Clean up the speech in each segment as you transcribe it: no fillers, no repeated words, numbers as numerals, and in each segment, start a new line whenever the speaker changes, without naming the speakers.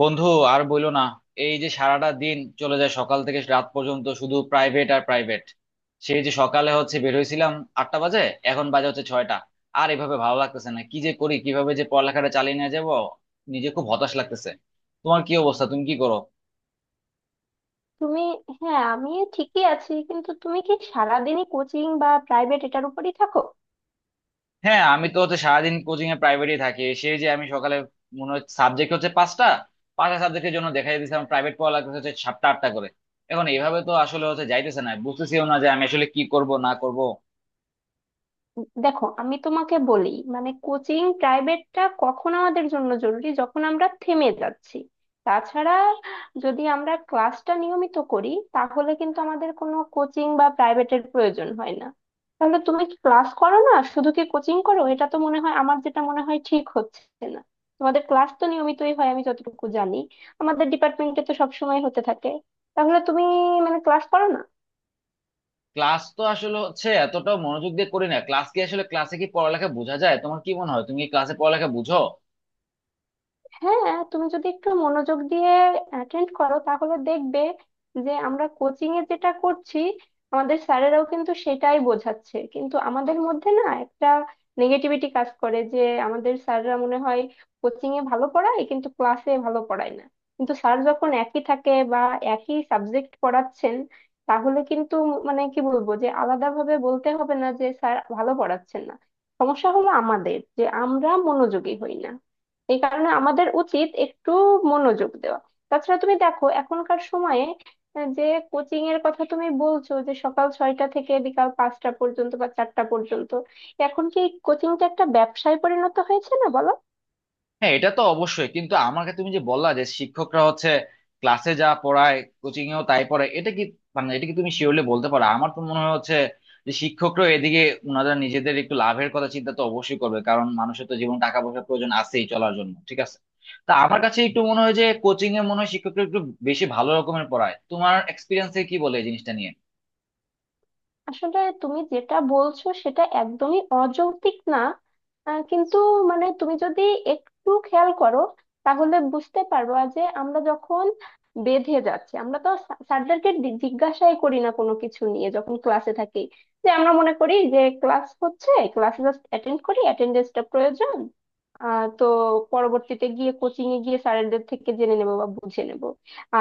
বন্ধু, আর বইলো না। এই যে সারাটা দিন চলে যায় সকাল থেকে রাত পর্যন্ত শুধু প্রাইভেট আর প্রাইভেট। সেই যে সকালে হচ্ছে বের হয়েছিলাম 8টা বাজে, এখন বাজে হচ্ছে 6টা। আর এভাবে ভালো লাগতেছে না, কি যে করি, কিভাবে যে পড়ালেখাটা চালিয়ে নিয়ে যাবো। নিজে খুব হতাশ লাগতেছে। তোমার কি অবস্থা, তুমি কি করো?
তুমি? হ্যাঁ আমি ঠিকই আছি, কিন্তু তুমি কি সারাদিনই কোচিং বা প্রাইভেট এটার উপরই থাকো?
হ্যাঁ, আমি তো হচ্ছে সারাদিন কোচিং এ প্রাইভেটই থাকি। সেই যে আমি সকালে, মনে হচ্ছে সাবজেক্ট হচ্ছে 5টা, পাঁচটা সাবজেক্টের জন্য দেখা দিয়েছিলাম, প্রাইভেট পড়া লাগতেছে হচ্ছে 7টা 8টা করে। এখন এইভাবে তো আসলে হচ্ছে যাইতেছে না, বুঝতেছিও না যে আমি আসলে কি করব না করব।
দেখো, আমি তোমাকে বলি, মানে কোচিং প্রাইভেটটা কখন আমাদের জন্য জরুরি যখন আমরা থেমে যাচ্ছি। তাছাড়া যদি আমরা ক্লাসটা নিয়মিত করি তাহলে কিন্তু আমাদের কোনো কোচিং বা প্রাইভেটের প্রয়োজন হয় না। তাহলে তুমি কি ক্লাস করো না, শুধু কি কোচিং করো? এটা তো মনে হয় আমার, যেটা মনে হয় ঠিক হচ্ছে না। তোমাদের ক্লাস তো নিয়মিতই হয় আমি যতটুকু জানি, আমাদের ডিপার্টমেন্টে তো সবসময় হতে থাকে। তাহলে তুমি মানে ক্লাস করো না?
ক্লাস তো আসলে হচ্ছে এতটাও মনোযোগ দিয়ে করি না, ক্লাস কি আসলে, ক্লাসে কি পড়ালেখা বোঝা যায়, তোমার কি মনে হয়, তুমি কি ক্লাসে পড়ালেখা বুঝো?
হ্যাঁ তুমি যদি একটু মনোযোগ দিয়ে অ্যাটেন্ড করো তাহলে দেখবে যে আমরা কোচিং এ যেটা করছি আমাদের স্যারেরাও কিন্তু সেটাই বোঝাচ্ছে, কিন্তু আমাদের মধ্যে না একটা নেগেটিভিটি কাজ করে যে আমাদের স্যাররা মনে হয় কোচিং এ ভালো পড়ায় কিন্তু ক্লাসে ভালো পড়ায় না। কিন্তু স্যার যখন একই থাকে বা একই সাবজেক্ট পড়াচ্ছেন, তাহলে কিন্তু মানে কি বলবো, যে আলাদাভাবে বলতে হবে না যে স্যার ভালো পড়াচ্ছেন না। সমস্যা হলো আমাদের, যে আমরা মনোযোগী হই না। এই কারণে আমাদের উচিত একটু মনোযোগ দেওয়া। তাছাড়া তুমি দেখো এখনকার সময়ে, যে কোচিং এর কথা তুমি বলছো যে সকাল 6টা থেকে বিকাল 5টা পর্যন্ত বা 4টা পর্যন্ত, এখন কি কোচিংটা একটা ব্যবসায় পরিণত হয়েছে না বলো?
হ্যাঁ, এটা তো অবশ্যই, কিন্তু আমাকে তুমি যে বললা যে শিক্ষকরা হচ্ছে ক্লাসে যা পড়ায় কোচিং এও তাই পড়ায়, এটা কি, মানে এটা কি তুমি শিওরলি বলতে পারো? আমার তো মনে হয় হচ্ছে যে শিক্ষকরা এদিকে, ওনারা নিজেদের একটু লাভের কথা চিন্তা তো অবশ্যই করবে, কারণ মানুষের তো জীবন টাকা পয়সার প্রয়োজন আছেই চলার জন্য, ঠিক আছে। তা আমার কাছে একটু মনে হয় যে কোচিং এ মনে হয় শিক্ষকরা একটু বেশি ভালো রকমের পড়ায়, তোমার এক্সপিরিয়েন্সে কি বলে এই জিনিসটা নিয়ে?
আসলে তুমি যেটা বলছো সেটা একদমই অযৌক্তিক না। কিন্তু মানে তুমি যদি একটু খেয়াল করো তাহলে বুঝতে পারবা যে আমরা যখন বেঁধে যাচ্ছি আমরা তো স্যারদেরকে জিজ্ঞাসাই করি না কোনো কিছু নিয়ে যখন ক্লাসে থাকি, যে আমরা মনে করি যে ক্লাস হচ্ছে, ক্লাসে জাস্ট অ্যাটেন্ড করি, অ্যাটেন্ডেন্সটা প্রয়োজন। তো পরবর্তীতে গিয়ে কোচিং এ গিয়ে স্যারদের থেকে জেনে নেবো বা বুঝে নেব।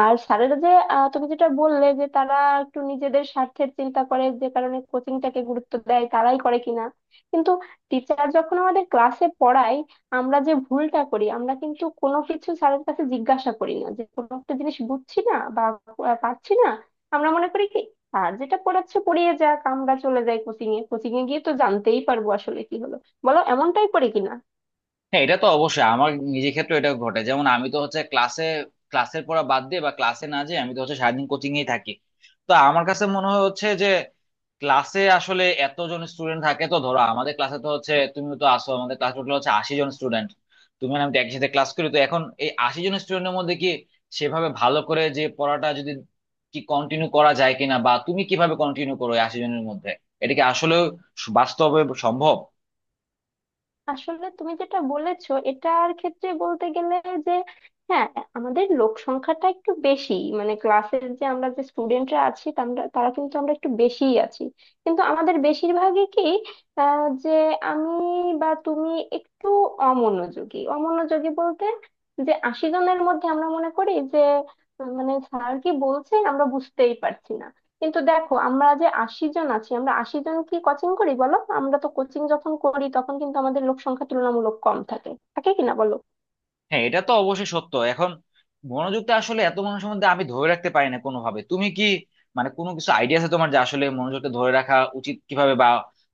আর স্যারেরা যে তুমি যেটা বললে যে তারা একটু নিজেদের স্বার্থের চিন্তা করে, যে কারণে কোচিংটাকে গুরুত্ব দেয়, তারাই করে কিনা। কিন্তু টিচার যখন আমাদের ক্লাসে পড়ায়, আমরা যে ভুলটা করি আমরা কিন্তু কোনো কিছু স্যারের কাছে জিজ্ঞাসা করি না যে কোনো একটা জিনিস বুঝছি না বা পারছি না। আমরা মনে করি কি আর, যেটা পড়াচ্ছে পড়িয়ে যাক, আমরা চলে যাই কোচিং এ, কোচিং এ গিয়ে তো জানতেই পারবো আসলে কি হলো। বলো এমনটাই করি কিনা।
হ্যাঁ, এটা তো অবশ্যই, আমার নিজের ক্ষেত্রে এটা ঘটে, যেমন আমি তো হচ্ছে ক্লাসে, ক্লাসের পড়া বাদ দিয়ে বা ক্লাসে না যেয়ে আমি তো হচ্ছে সারাদিন কোচিং এই থাকি। তো আমার কাছে মনে হয় হচ্ছে যে ক্লাসে আসলে এতজন স্টুডেন্ট থাকে, তো ধরো আমাদের ক্লাসে তো হচ্ছে, তুমি তো আসো, আমাদের ক্লাস টোটাল হচ্ছে 80 জন স্টুডেন্ট, তুমি আর আমি তো একই সাথে ক্লাস করি, তো এখন এই 80 জন স্টুডেন্টের মধ্যে কি সেভাবে ভালো করে যে পড়াটা যদি কি কন্টিনিউ করা যায় কিনা, বা তুমি কিভাবে কন্টিনিউ করো এই 80 জনের মধ্যে, এটা কি আসলে বাস্তবে সম্ভব?
আসলে তুমি যেটা বলেছো এটার ক্ষেত্রে বলতে গেলে যে হ্যাঁ, আমাদের লোক সংখ্যাটা একটু বেশি, মানে ক্লাসের যে আমরা যে স্টুডেন্টরা আছি তারা তারা কিন্তু আমরা একটু বেশিই আছি। কিন্তু আমাদের বেশিরভাগই কি যে আমি বা তুমি একটু অমনোযোগী, অমনোযোগী বলতে যে 80 জনের মধ্যে আমরা মনে করি যে মানে স্যার কি বলছেন আমরা বুঝতেই পারছি না। কিন্তু দেখো আমরা যে 80 জন আছি, আমরা 80 জন কি কোচিং করি বলো? আমরা তো কোচিং যখন করি তখন কিন্তু আমাদের লোক সংখ্যা তুলনামূলক কম থাকে থাকে কিনা বলো।
হ্যাঁ, এটা তো অবশ্যই সত্য। এখন মনোযোগটা আসলে এত মানুষের মধ্যে আমি ধরে রাখতে পারি না কোনোভাবে, তুমি কি মানে কোনো কিছু আইডিয়া আছে তোমার যে আসলে মনোযোগটা ধরে রাখা উচিত কিভাবে, বা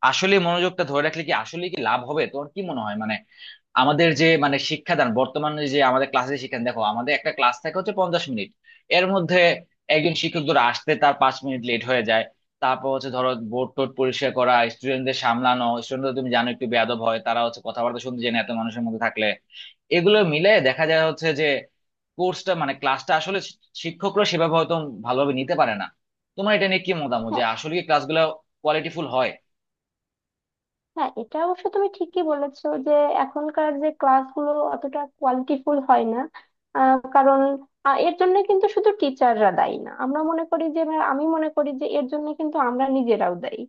আসলে মনোযোগটা ধরে রাখলে কি আসলে কি লাভ হবে, তোমার কি মনে হয়? মানে আমাদের যে মানে শিক্ষাদান, বর্তমানে যে আমাদের ক্লাসে শিক্ষাদান, দেখো আমাদের একটা ক্লাস থাকে হচ্ছে 50 মিনিট, এর মধ্যে একজন শিক্ষক ধরো আসতে তার 5 মিনিট লেট হয়ে যায়, তারপর হচ্ছে ধরো বোর্ড টোর্ড পরিষ্কার করা, স্টুডেন্টদের সামলানো, স্টুডেন্টরা তুমি জানো একটু বেয়াদব হয়, তারা হচ্ছে কথাবার্তা শুনতে চায় না এত মানুষের মধ্যে থাকলে। এগুলো মিলে দেখা যায় হচ্ছে যে কোর্সটা মানে ক্লাসটা আসলে শিক্ষকরা সেভাবে হয়তো ভালোভাবে নিতে পারে না। তোমার এটা নিয়ে কি মতামত, যে
হ্যাঁ।
আসলে কি ক্লাসগুলো কোয়ালিটিফুল হয়?
হ্যাঁ এটা অবশ্য তুমি ঠিকই বলেছো যে এখনকার যে ক্লাসগুলো অতটা কোয়ালিটিফুল হয় না। কারণ এর জন্য কিন্তু শুধু টিচাররা দায়ী না, আমরা মনে করি যে বা আমি মনে করি যে এর জন্য কিন্তু আমরা নিজেরাও দায়ী।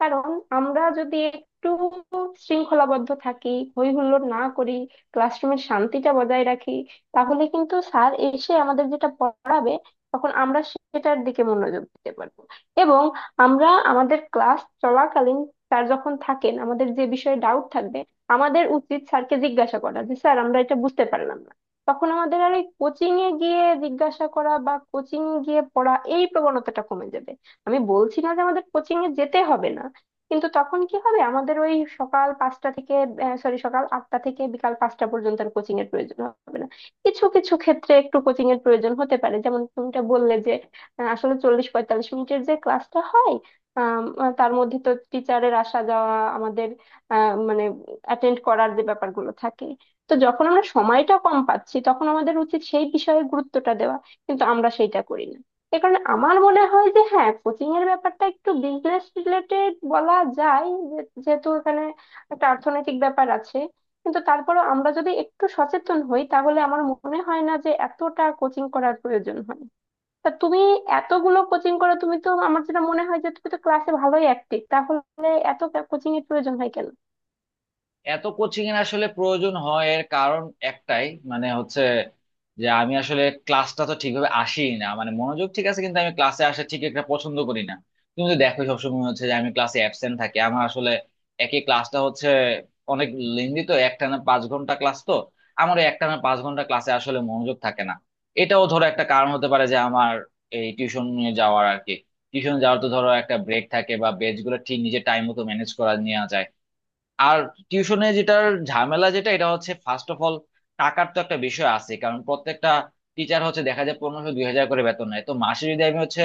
কারণ আমরা যদি একটু শৃঙ্খলাবদ্ধ থাকি, হই হুল্লোড় না করি, ক্লাসরুমের শান্তিটা বজায় রাখি, তাহলে কিন্তু স্যার এসে আমাদের যেটা পড়াবে তখন আমরা সেটার দিকে মনোযোগ দিতে পারবো। এবং আমরা আমাদের ক্লাস চলাকালীন স্যার যখন থাকেন আমাদের যে বিষয়ে ডাউট থাকবে আমাদের উচিত স্যারকে জিজ্ঞাসা করা যে স্যার আমরা এটা বুঝতে পারলাম না। তখন আমাদের আর এই কোচিং এ গিয়ে জিজ্ঞাসা করা বা কোচিং এ গিয়ে পড়া এই প্রবণতাটা কমে যাবে। আমি বলছি না যে আমাদের কোচিং এ যেতে হবে না, কিন্তু তখন কি হবে আমাদের ওই সকাল 5টা থেকে, সরি সকাল 8টা থেকে বিকাল পাঁচটা পর্যন্ত আর কোচিং এর প্রয়োজন হবে না। কিছু কিছু ক্ষেত্রে একটু কোচিং এর প্রয়োজন হতে পারে, যেমন তুমিটা বললে যে আসলে 40-45 মিনিটের যে ক্লাসটা হয়, আম, তার মধ্যে তো টিচারের আসা যাওয়া, আমাদের মানে অ্যাটেন্ড করার যে ব্যাপারগুলো থাকে। তো যখন আমরা সময়টা কম পাচ্ছি তখন আমাদের উচিত সেই বিষয়ে গুরুত্বটা দেওয়া। কিন্তু আমরা সেইটা করি না। এ কারণে আমার মনে হয় যে হ্যাঁ, কোচিং এর ব্যাপারটা একটু বিজনেস রিলেটেড বলা যায়, যেহেতু এখানে একটা অর্থনৈতিক ব্যাপার আছে। কিন্তু তারপরেও আমরা যদি একটু সচেতন হই তাহলে আমার মনে হয় না যে এতটা কোচিং করার প্রয়োজন হয়। তা তুমি এতগুলো কোচিং করো, তুমি তো, আমার যেটা মনে হয় যে তুমি তো ক্লাসে ভালোই অ্যাক্টিভ, তাহলে এত কোচিং এর প্রয়োজন হয় কেন?
এত কোচিং এর আসলে প্রয়োজন হয় এর কারণ একটাই, মানে হচ্ছে যে আমি আসলে ক্লাসটা তো ঠিকভাবে আসি না, মানে মনোযোগ ঠিক আছে কিন্তু আমি ক্লাসে আসা ঠিক একটা পছন্দ করি না, তুমি তো দেখো সবসময় হচ্ছে যে আমি ক্লাসে অ্যাবসেন্ট থাকি। আমার আসলে একই ক্লাসটা হচ্ছে অনেক লেন্দি, তো একটানা 5 ঘন্টা ক্লাস তো, আমার ওই একটানা 5 ঘন্টা ক্লাসে আসলে মনোযোগ থাকে না। এটাও ধরো একটা কারণ হতে পারে যে আমার এই টিউশন নিয়ে যাওয়ার আর কি, টিউশন যাওয়ার তো ধরো একটা ব্রেক থাকে বা বেঞ্চ গুলো ঠিক নিজের টাইম মতো ম্যানেজ করা নেওয়া যায়। আর টিউশনে যেটার ঝামেলা যেটা এটা হচ্ছে ফার্স্ট অফ অল, টাকার তো একটা বিষয় আছে, কারণ প্রত্যেকটা টিচার হচ্ছে দেখা যায় 1500 2000 করে বেতন নেয়, তো মাসে যদি আমি হচ্ছে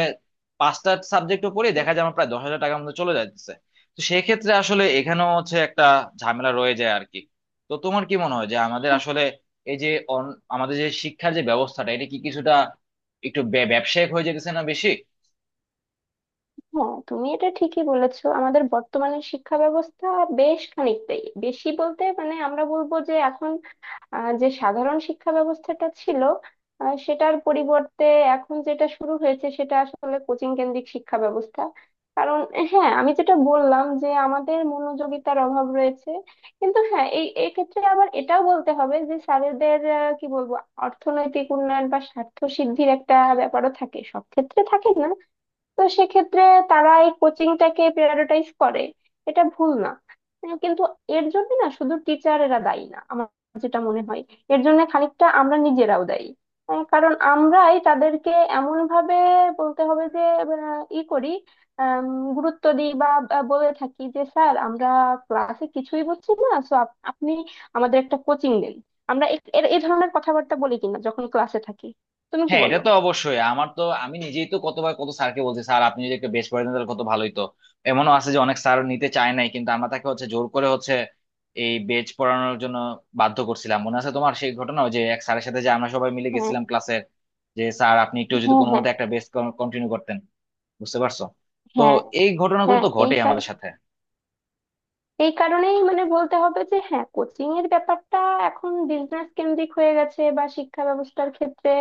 5টা সাবজেক্ট পড়ি, দেখা যায় আমার প্রায় 10,000 টাকার মতো চলে যাচ্ছে। তো সেক্ষেত্রে আসলে এখানেও হচ্ছে একটা ঝামেলা রয়ে যায় আর কি। তো তোমার কি মনে হয় যে আমাদের আসলে এই যে আমাদের যে শিক্ষার যে ব্যবস্থাটা, এটা কি কিছুটা একটু ব্যবসায়িক হয়ে যেতেছে না বেশি?
হ্যাঁ তুমি এটা ঠিকই বলেছো, আমাদের বর্তমানে শিক্ষা ব্যবস্থা বেশ খানিকটাই বেশি, বলতে মানে আমরা বলবো যে এখন যে সাধারণ শিক্ষা ব্যবস্থাটা ছিল সেটার পরিবর্তে এখন যেটা শুরু হয়েছে সেটা আসলে কোচিং কেন্দ্রিক শিক্ষা ব্যবস্থা। কারণ হ্যাঁ আমি যেটা বললাম যে আমাদের মনোযোগিতার অভাব রয়েছে। কিন্তু হ্যাঁ এই এক্ষেত্রে আবার এটাও বলতে হবে যে স্যারেদের কি বলবো, অর্থনৈতিক উন্নয়ন বা স্বার্থ সিদ্ধির একটা ব্যাপারও থাকে, সব ক্ষেত্রে থাকে না। তো সেক্ষেত্রে তারা এই কোচিংটাকে প্রায়োরিটাইজ করে, এটা ভুল না। কিন্তু এর জন্য না, শুধু টিচারেরা দায়ী না, আমার যেটা মনে হয় এর জন্য খানিকটা আমরা নিজেরাও দায়ী। কারণ আমরাই তাদেরকে এমন ভাবে বলতে হবে যে ই করি, আম, গুরুত্ব দিই বা বা বলে থাকি যে স্যার আমরা ক্লাসে কিছুই বুঝছি না, সো আপনি আমাদের একটা কোচিং দিন। আমরা এ এ- এ ধরনের কথাবার্তা বলি কিনা যখন ক্লাসে থাকি, তুমি কি
হ্যাঁ, এটা
বলো?
তো অবশ্যই, আমার তো, আমি নিজেই তো কতবার কত স্যারকে বলছি, স্যার আপনি যদি একটা বেশ করে দেন তাহলে কত ভালোই তো। এমনও আছে যে অনেক স্যার নিতে চায় নাই, কিন্তু আমরা তাকে হচ্ছে জোর করে হচ্ছে এই বেচ পড়ানোর জন্য বাধ্য করছিলাম। মনে আছে তোমার সেই ঘটনা, ওই যে এক স্যারের সাথে যে আমরা সবাই মিলে
হ্যাঁ।
গেছিলাম ক্লাসের, যে স্যার আপনি একটু যদি
হ্যাঁ।
কোনো
হ্যাঁ।
মতে একটা বেচ কন্টিনিউ করতেন, বুঝতে পারছো? তো
হ্যাঁ।
এই ঘটনাগুলো
হ্যাঁ
তো
এই
ঘটেই আমাদের সাথে।
এই কারণেই মানে বলতে হবে যে হ্যাঁ, কোচিং এর ব্যাপারটা এখন বিজনেস কেন্দ্রিক হয়ে গেছে বা শিক্ষা ব্যবস্থার ক্ষেত্রে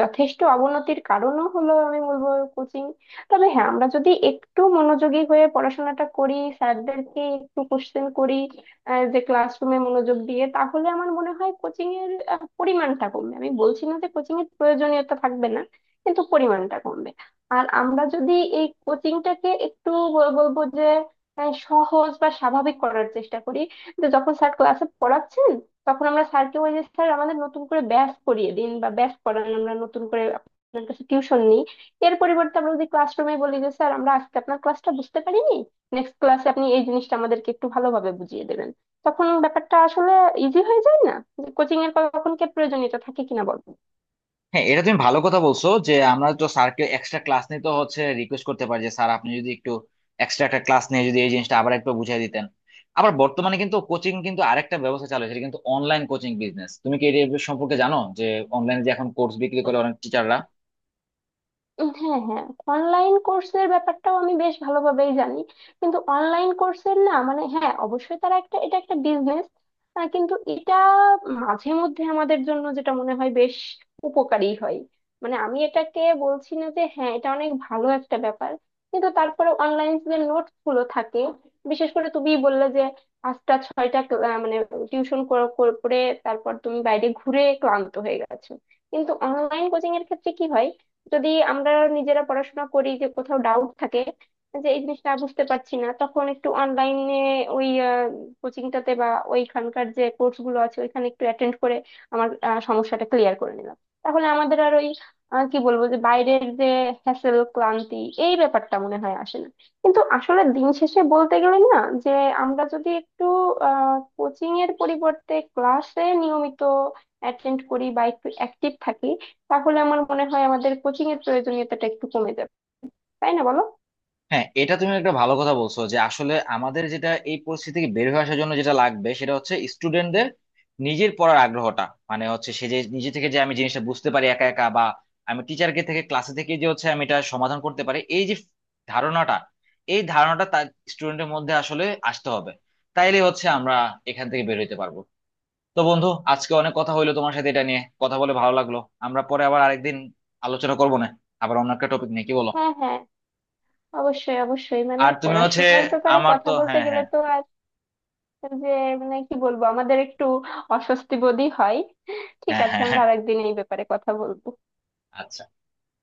যথেষ্ট অবনতির কারণও হলো আমি বলবো কোচিং। তবে হ্যাঁ, আমরা যদি একটু মনোযোগী হয়ে পড়াশোনাটা করি, স্যারদেরকে একটু কোশ্চেন করি যে ক্লাসরুমে মনোযোগ দিয়ে, তাহলে আমার মনে হয় কোচিং এর পরিমাণটা কমবে। আমি বলছি না যে কোচিং এর প্রয়োজনীয়তা থাকবে না, কিন্তু পরিমাণটা কমবে। আর আমরা যদি এই কোচিংটাকে একটু বলবো যে সহজ বা স্বাভাবিক করার চেষ্টা করি, যে যখন স্যার ক্লাসে পড়াচ্ছেন তখন আমরা স্যারকে, ওই যে স্যার আমাদের নতুন করে ব্যাচ করিয়ে দিন বা ব্যাচ করান আমরা নতুন করে আপনার কাছে টিউশন নিই, এর পরিবর্তে আমরা যদি ক্লাসরুমে বলি যে স্যার আমরা আজকে আপনার ক্লাসটা বুঝতে পারিনি, নেক্সট ক্লাসে আপনি এই জিনিসটা আমাদেরকে একটু ভালোভাবে বুঝিয়ে দেবেন, তখন ব্যাপারটা আসলে ইজি হয়ে যায় না? কোচিং এর কখন কে প্রয়োজনীয়তা থাকে কিনা বলো।
হ্যাঁ, এটা তুমি ভালো কথা বলছো যে আমরা তো স্যারকে এক্সট্রা ক্লাস নিতে হচ্ছে রিকোয়েস্ট করতে পারি, যে স্যার আপনি যদি একটু এক্সট্রা একটা ক্লাস নিয়ে যদি এই জিনিসটা আবার একটু বুঝাই দিতেন। আবার বর্তমানে কিন্তু কোচিং কিন্তু আরেকটা ব্যবস্থা চালু হয়েছে, এটা কিন্তু অনলাইন কোচিং বিজনেস, তুমি কি এটা সম্পর্কে জানো, যে অনলাইনে যে এখন কোর্স বিক্রি করে অনেক টিচাররা?
হ্যাঁ, হ্যাঁ। অনলাইন কোর্সের ব্যাপারটাও আমি বেশ ভালোভাবেই জানি। কিন্তু অনলাইন কোর্সের না, মানে হ্যাঁ অবশ্যই তারা একটা, এটা একটা বিজনেস, কিন্তু এটা মাঝে মধ্যে আমাদের জন্য যেটা মনে হয় বেশ উপকারী হয়। মানে আমি এটাকে বলছি না যে হ্যাঁ এটা অনেক ভালো একটা ব্যাপার, কিন্তু তারপরে অনলাইন যে নোটস গুলো থাকে, বিশেষ করে তুমি বললে যে 5-6টা মানে টিউশন করে তারপর তুমি বাইরে ঘুরে ক্লান্ত হয়ে গেছো, কিন্তু অনলাইন কোচিং এর ক্ষেত্রে কি হয়, যদি আমরা নিজেরা পড়াশোনা করি, যে কোথাও ডাউট থাকে যে এই জিনিসটা বুঝতে পারছি না, তখন একটু অনলাইনে ওই কোচিংটাতে বা ওইখানকার যে কোর্স গুলো আছে ওইখানে একটু অ্যাটেন্ড করে আমার সমস্যাটা ক্লিয়ার করে নিলাম, তাহলে আমাদের আর ওই কি বলবো যে বাইরের যে হ্যাসেল, ক্লান্তি, এই ব্যাপারটা মনে হয় আসে না। কিন্তু আসলে দিন শেষে বলতে গেলে না, যে আমরা যদি একটু কোচিং এর পরিবর্তে ক্লাসে নিয়মিত অ্যাটেন্ড করি বা একটু অ্যাক্টিভ থাকি, তাহলে আমার মনে হয় আমাদের কোচিং এর প্রয়োজনীয়তাটা একটু কমে যাবে। তাই না বলো?
হ্যাঁ, এটা তুমি একটা ভালো কথা বলছো যে আসলে আমাদের যেটা এই পরিস্থিতি থেকে বের হয়ে আসার জন্য যেটা লাগবে সেটা হচ্ছে স্টুডেন্টদের নিজের পড়ার আগ্রহটা, মানে হচ্ছে সে যে নিজে থেকে যে আমি জিনিসটা বুঝতে পারি একা একা, বা আমি টিচারকে থেকে ক্লাসে থেকে যে হচ্ছে আমি এটা সমাধান করতে পারি, এই যে ধারণাটা, এই ধারণাটা তার স্টুডেন্টের মধ্যে আসলে আসতে হবে। তাইলে হচ্ছে আমরা এখান থেকে বের হইতে পারবো। তো বন্ধু, আজকে অনেক কথা হইলো, তোমার সাথে এটা নিয়ে কথা বলে ভালো লাগলো। আমরা পরে আবার আরেকদিন আলোচনা করবো না, আবার অন্য একটা টপিক নিয়ে, কি বলো?
হ্যাঁ, হ্যাঁ। অবশ্যই অবশ্যই, মানে
আর তুমি হচ্ছে
পড়াশোনার ব্যাপারে
আমার
কথা
তো,
বলতে
হ্যাঁ,
গেলে
হ্যাঁ,
তো আর, যে মানে কি বলবো আমাদের একটু অস্বস্তি বোধই হয়। ঠিক
হ্যাঁ,
আছে,
হ্যাঁ,
আমরা
হ্যাঁ,
আরেকদিন এই ব্যাপারে কথা বলবো।
আচ্ছা।